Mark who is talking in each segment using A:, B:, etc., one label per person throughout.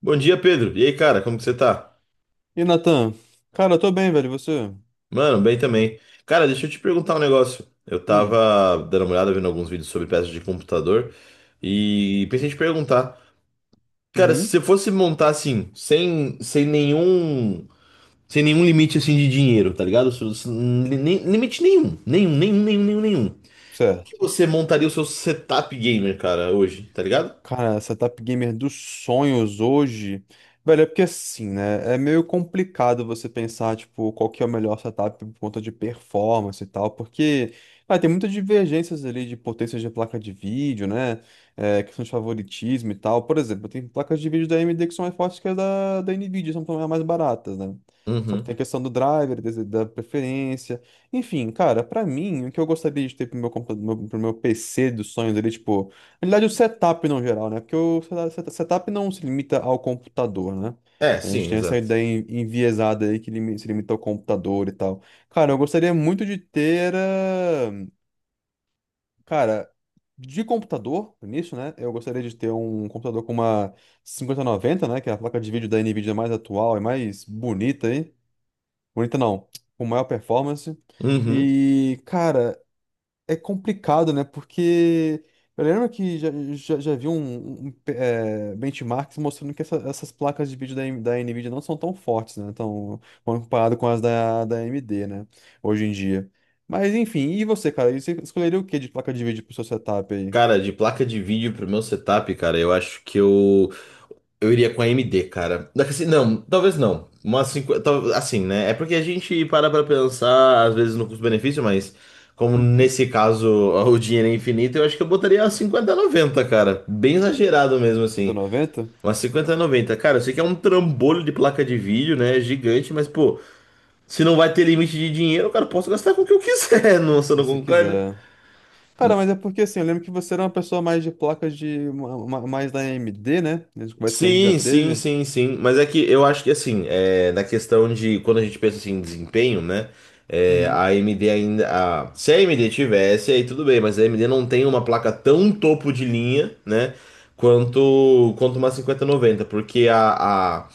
A: Bom dia, Pedro. E aí, cara, como que você tá?
B: E Natan? Cara, eu tô bem, velho. E você?
A: Mano, bem também. Cara, deixa eu te perguntar um negócio. Eu
B: Hum,
A: tava dando uma olhada, vendo alguns vídeos sobre peças de computador e pensei em te perguntar. Cara, se
B: uhum,
A: você fosse montar assim, sem nenhum limite assim de dinheiro, tá ligado? Limite nenhum, nenhum, nenhum, nenhum, nenhum, nenhum. Como
B: certo.
A: que você montaria o seu setup gamer, cara, hoje, tá ligado?
B: Cara, setup gamer dos sonhos hoje. Velho, é porque assim, né? É meio complicado você pensar, tipo, qual que é o melhor setup por conta de performance e tal, porque tem muitas divergências ali de potência de placa de vídeo, né? É, questão de favoritismo e tal. Por exemplo, tem placas de vídeo da AMD que são mais fortes que as da Nvidia, são também as mais baratas, né? Só que
A: Uhum.
B: tem a questão do driver, da preferência. Enfim, cara, pra mim, o que eu gostaria de ter pro meu PC dos sonhos ali, tipo. Na verdade, o setup no geral, né? Porque o setup não se limita ao computador, né?
A: É,
B: A gente
A: sim,
B: tem essa
A: exato.
B: ideia enviesada aí que se limita ao computador e tal. Cara, eu gostaria muito de ter. Cara, de computador, nisso, né? Eu gostaria de ter um computador com uma 5090, né? Que é a placa de vídeo da NVIDIA mais atual e mais bonita aí. Bonita não, com maior performance.
A: Uhum.
B: E, cara, é complicado, né? Porque eu lembro que já vi benchmarks mostrando que essas placas de vídeo da NVIDIA não são tão fortes, né? Então, quando comparado com as da AMD, né? Hoje em dia. Mas enfim, e você, cara? E você escolheria o que de placa de vídeo pro seu setup aí?
A: Cara, de placa de vídeo pro meu setup, cara, eu acho que eu iria com a AMD, cara. Daqui assim, não, talvez não. Uma 50 assim, né? É porque a gente para pra pensar, às vezes, no custo-benefício, mas como
B: Uhum.
A: nesse caso o dinheiro é infinito, eu acho que eu botaria umas cinquenta a noventa, cara. Bem exagerado mesmo,
B: trinta e
A: assim.
B: noventa,
A: Uma noventa. Cara, eu sei que é um trambolho de placa de vídeo, né? Gigante, mas, pô, se não vai ter limite de dinheiro, cara, eu posso gastar com o que eu quiser, não, você
B: Se
A: não
B: você
A: concorda?
B: quiser. Cara, mas é porque assim, eu lembro que você era uma pessoa mais de placas de mais da AMD, né? Nas conversas que a gente já
A: Sim, sim,
B: teve.
A: sim, sim. Mas é que eu acho que assim, é, na questão de quando a gente pensa assim, em desempenho, né? É, a AMD ainda. Se a AMD tivesse, aí tudo bem, mas a AMD não tem uma placa tão topo de linha, né? Quanto uma 5090 porque a, a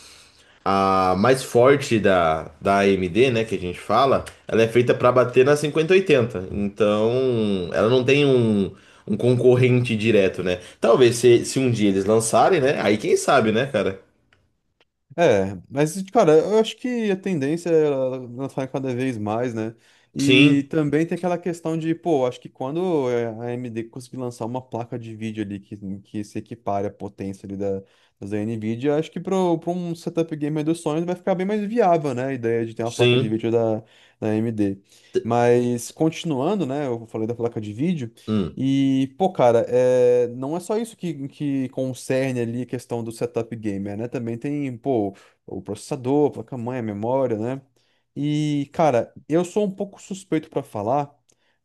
A: a mais forte da AMD, né, que a gente fala, ela é feita para bater na 5080. Então, ela não tem um concorrente direto, né? Talvez se um dia eles lançarem, né? Aí quem sabe, né, cara?
B: É, mas, cara, eu acho que a tendência é ela falar cada vez mais, né? E
A: Sim,
B: também tem aquela questão de, pô, acho que quando é, a AMD conseguir lançar uma placa de vídeo ali que se equipare à potência ali da NVIDIA, acho que para um setup gamer dos sonhos vai ficar bem mais viável, né? A ideia de ter uma placa de
A: sim.
B: vídeo da AMD. Mas, continuando, né? Eu falei da placa de vídeo.
A: Hum,
B: E, pô, cara, é, não é só isso que concerne ali a questão do setup gamer, né? Também tem, pô, o processador, a placa-mãe, a memória, né? E, cara, eu sou um pouco suspeito pra falar,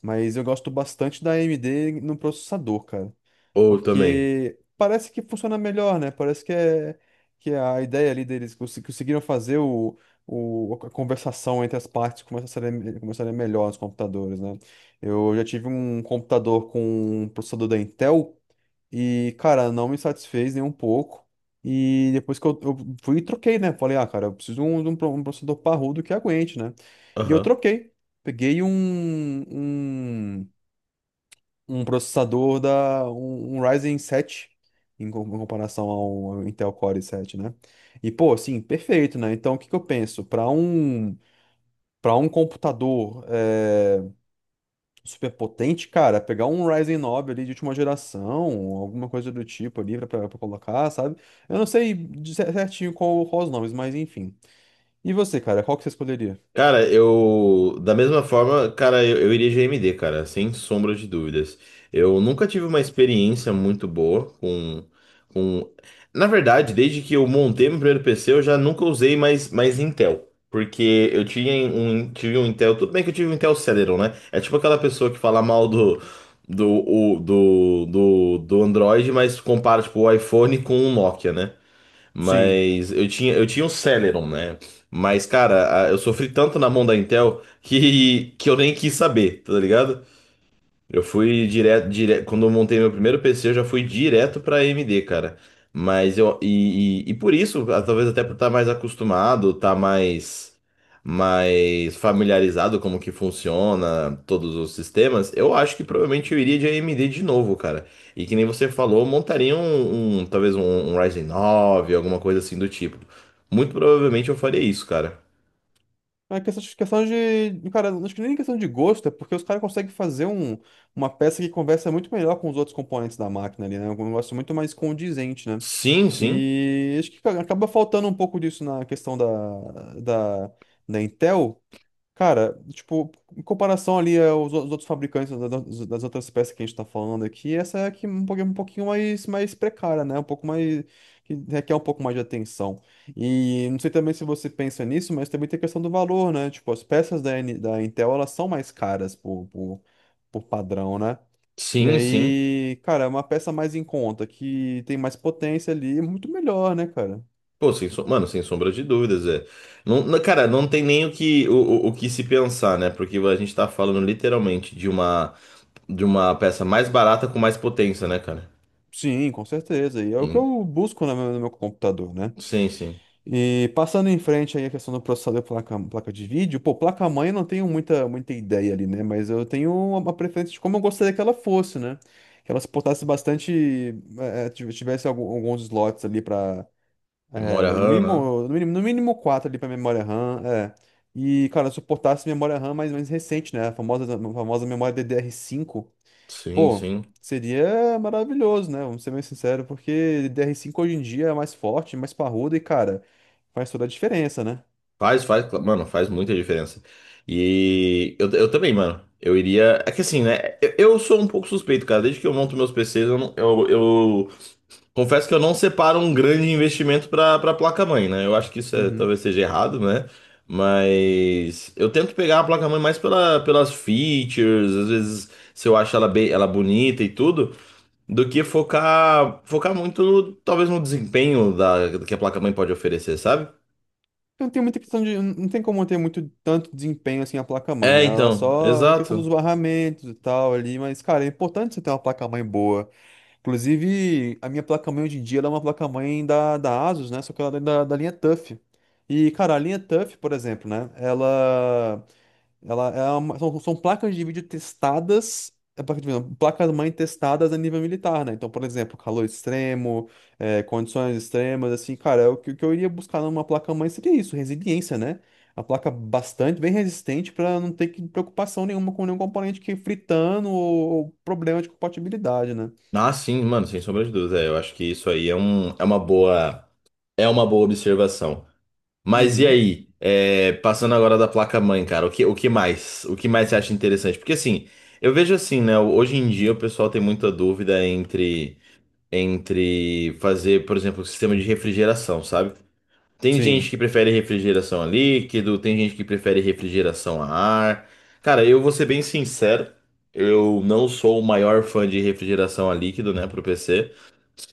B: mas eu gosto bastante da AMD no processador, cara.
A: ou também.
B: Porque parece que funciona melhor, né? Parece que é a ideia ali deles conseguiram fazer a conversação entre as partes começar a ser melhor nos computadores, né? Eu já tive um computador com um processador da Intel e, cara, não me satisfez nem um pouco. E depois que eu fui e troquei, né? Falei, ah, cara, eu preciso um processador parrudo que aguente, né? E eu
A: Aham.
B: troquei. Peguei um processador um Ryzen 7 em comparação ao Intel Core 7, né? E pô, assim, perfeito, né? Então o que que eu penso? Para um computador é, super potente, cara, pegar um Ryzen 9 ali de última geração, alguma coisa do tipo ali para colocar, sabe? Eu não sei de certinho qual os nomes, mas enfim. E você, cara, qual que você escolheria?
A: Cara, eu. Da mesma forma, cara, eu iria GMD, cara, sem sombra de dúvidas. Eu nunca tive uma experiência muito boa com. Na verdade, desde que eu montei meu primeiro PC, eu já nunca usei mais Intel. Porque tive um Intel. Tudo bem que eu tive um Intel Celeron, né? É tipo aquela pessoa que fala mal do Android, mas compara tipo, o iPhone com o Nokia, né?
B: Sim.
A: Mas eu tinha um Celeron, né? Mas, cara, eu sofri tanto na mão da Intel que eu nem quis saber, tá ligado? Eu fui direto, direto, quando eu montei meu primeiro PC, eu já fui direto pra AMD, cara. Mas e por isso, ah, talvez até por estar mais acostumado, estar mais familiarizado como que funciona todos os sistemas, eu acho que provavelmente eu iria de AMD de novo, cara. E que nem você falou, eu montaria talvez um Ryzen 9, alguma coisa assim do tipo. Muito provavelmente eu faria isso, cara.
B: É questão de. Cara, acho que nem questão de gosto, é porque os caras conseguem fazer uma peça que conversa muito melhor com os outros componentes da máquina ali, né? É um negócio muito mais condizente, né?
A: Sim, sim.
B: E acho que acaba faltando um pouco disso na questão da Intel. Cara, tipo, em comparação ali aos os outros fabricantes das outras peças que a gente tá falando aqui, essa é aqui um pouquinho mais precária, né? Um pouco mais, que requer um pouco mais de atenção. E não sei também se você pensa nisso, mas também tem a questão do valor, né? Tipo, as peças da Intel, elas são mais caras por padrão, né? E
A: Sim, sim.
B: aí, cara, é uma peça mais em conta, que tem mais potência ali, é muito melhor, né, cara?
A: Pô, sem som- mano, sem sombra de dúvidas, é. Não, cara, não tem nem o que se pensar, né? Porque a gente tá falando literalmente de uma peça mais barata com mais potência, né, cara?
B: Sim, com certeza. E é o que
A: Em-
B: eu busco no meu computador, né?
A: sim, sim.
B: E passando em frente aí a questão do processador placa de vídeo, pô, placa-mãe eu não tenho muita ideia ali, né? Mas eu tenho uma preferência de como eu gostaria que ela fosse, né? Que ela suportasse bastante, tivesse alguns slots ali para,
A: Memória
B: no
A: RAM, né?
B: mínimo, no mínimo, no mínimo quatro ali para memória RAM, é. E, cara, suportasse memória RAM mais recente, né? A famosa memória DDR5.
A: Sim,
B: Pô,
A: sim.
B: seria maravilhoso, né? Vamos ser bem sinceros, porque DR5 hoje em dia é mais forte, mais parrudo e, cara, faz toda a diferença, né?
A: Faz, faz, mano, faz muita diferença. E eu também, mano. Eu iria. É que assim, né? Eu sou um pouco suspeito, cara. Desde que eu monto meus PCs, eu, não- eu, Confesso que eu não separo um grande investimento para placa-mãe, né? Eu acho que isso
B: Uhum.
A: talvez seja errado, né? Mas eu tento pegar a placa-mãe mais pelas features, às vezes se eu acho ela bem, ela bonita e tudo, do que focar muito talvez no desempenho da que a placa-mãe pode oferecer, sabe?
B: Não tem muita questão de. Não tem como ter muito tanto desempenho assim a placa-mãe, né?
A: É,
B: Ela é
A: então,
B: só a questão dos
A: exato.
B: barramentos e tal ali, mas, cara, é importante você ter uma placa-mãe boa. Inclusive, a minha placa-mãe hoje em dia ela é uma placa-mãe da Asus, né? Só que ela é da linha TUF. E, cara, a linha TUF, por exemplo, né? Ela. Ela é são placas de vídeo testadas, é, placa de vídeo, não, placas-mãe testadas a nível militar, né? Então, por exemplo, calor extremo, é, condições extremas, assim, cara, o que eu iria buscar numa placa-mãe seria isso, resiliência, né? A placa bastante, bem resistente, para não ter que, preocupação nenhuma com nenhum componente que fritando ou problema de compatibilidade, né?
A: Ah, sim, mano, sem sombra de dúvida. É, eu acho que isso aí é uma boa observação. Mas e
B: Uhum,
A: aí? É, passando agora da placa-mãe, cara, o que mais? O que mais você acha interessante? Porque assim, eu vejo assim, né? Hoje em dia o pessoal tem muita dúvida entre fazer, por exemplo, o sistema de refrigeração, sabe? Tem gente
B: sim.
A: que prefere refrigeração a líquido, tem gente que prefere refrigeração a ar. Cara, eu vou ser bem sincero, eu não sou o maior fã de refrigeração a líquido, né, pro PC.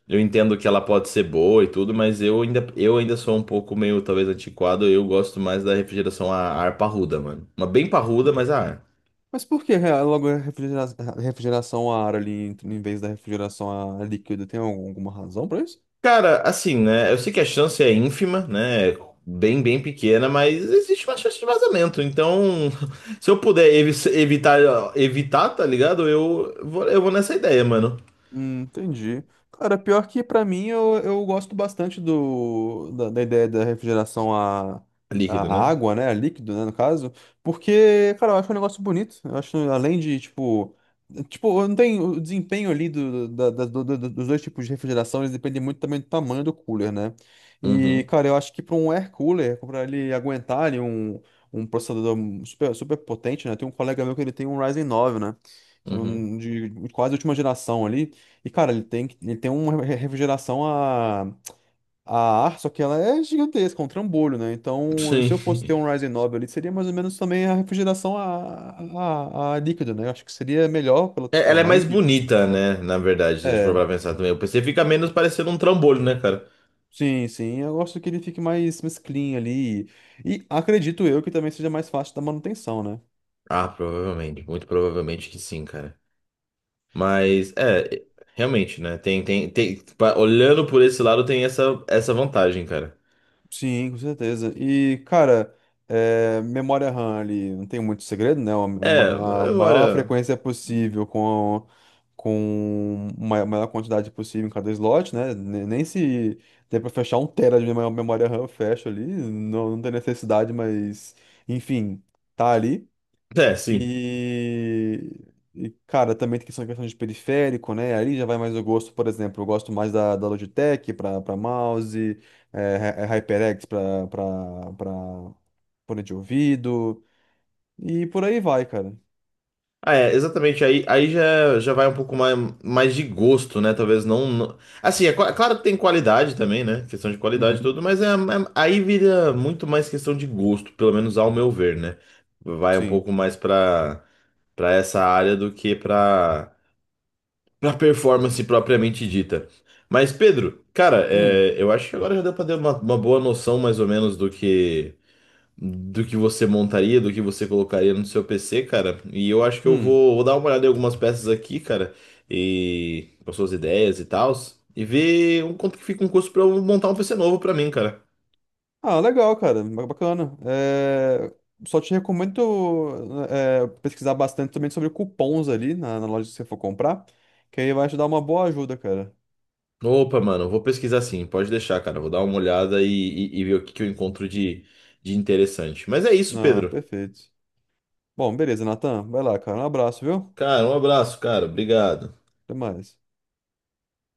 A: Eu entendo que ela pode ser boa e tudo, mas eu ainda sou um pouco meio, talvez, antiquado. Eu gosto mais da refrigeração a ar parruda, mano. Uma bem parruda, mas a ar.
B: Mas por que logo a refrigeração a ar ali em vez da refrigeração a líquido? Tem alguma razão para isso?
A: Cara, assim, né? Eu sei que a chance é ínfima, né? É, bem, bem pequena, mas existe uma chance de vazamento. Então, se eu puder evitar, tá ligado? Eu vou nessa ideia, mano.
B: Entendi. Cara, pior que pra mim eu gosto bastante da ideia da refrigeração à
A: Líquido, né?
B: água, né? A líquido, né, no caso. Porque, cara, eu acho um negócio bonito. Eu acho, além de, tipo. Tipo, não tem o desempenho ali do, da- da- do- do- do- dos dois tipos de refrigeração, eles dependem muito também do tamanho do cooler, né? E,
A: Uhum,
B: cara, eu acho que para um air cooler, para ele aguentar ali um processador super, super potente, né? Tem um colega meu que ele tem um Ryzen 9, né?
A: uhum.
B: São de quase última geração ali. E, cara, ele tem uma refrigeração a ar, só que ela é gigantesca, é um trambolho, né? Então, se
A: Sim.
B: eu fosse ter um Ryzen 9 ali, seria mais ou menos também a refrigeração a líquido, né? Eu acho que seria melhor pelo
A: É, ela é
B: tamanho.
A: mais bonita,
B: Tá.
A: né? Na verdade, se a gente for
B: É,
A: pra pensar também. O PC fica menos parecendo um trambolho, né, cara?
B: sim, sim. Eu gosto que ele fique mais clean ali. E acredito eu que também seja mais fácil da manutenção, né?
A: Ah, provavelmente, muito provavelmente que sim, cara. Mas é, realmente, né? Tem, olhando por esse lado, tem essa vantagem, cara.
B: Sim, com certeza. E, cara, é, memória RAM ali, não tem muito segredo, né?
A: É,
B: A maior
A: memória.
B: frequência possível com uma maior quantidade possível em cada slot, né? Nem se der pra fechar um tera de memória RAM, eu fecho ali. Não, não tem necessidade, mas, enfim, tá ali.
A: É, sim.
B: E, cara, também tem questão de periférico, né? Aí já vai mais o gosto, por exemplo, eu gosto mais da Logitech para mouse, é HyperX para fone de ouvido, e por aí vai, cara.
A: Ah, é, exatamente. Aí, já vai um pouco mais de gosto, né? Talvez não. Assim, é, é claro que tem qualidade também, né? Questão de qualidade e
B: Uhum,
A: tudo, mas aí vira muito mais questão de gosto, pelo menos ao meu ver, né? Vai um
B: sim.
A: pouco mais pra essa área do que pra performance propriamente dita. Mas, Pedro, cara,
B: Hum,
A: é, eu acho que agora já deu pra ter uma boa noção mais ou menos do que você montaria, do que você colocaria no seu PC, cara. E eu acho que eu
B: hum.
A: vou, vou dar uma olhada em algumas peças aqui, cara, e com as suas ideias e tals, e ver um quanto que fica um custo pra eu montar um PC novo pra mim, cara.
B: Ah, legal, cara, bacana. É, só te recomendo é, pesquisar bastante também sobre cupons ali na loja que você for comprar, que aí vai te dar uma boa ajuda, cara.
A: Opa, mano, vou pesquisar sim, pode deixar, cara. Vou dar uma olhada e ver o que que eu encontro de interessante. Mas é isso,
B: Ah,
A: Pedro.
B: perfeito. Bom, beleza, Natan. Vai lá, cara. Um abraço, viu?
A: Cara, um abraço, cara. Obrigado.
B: Até mais.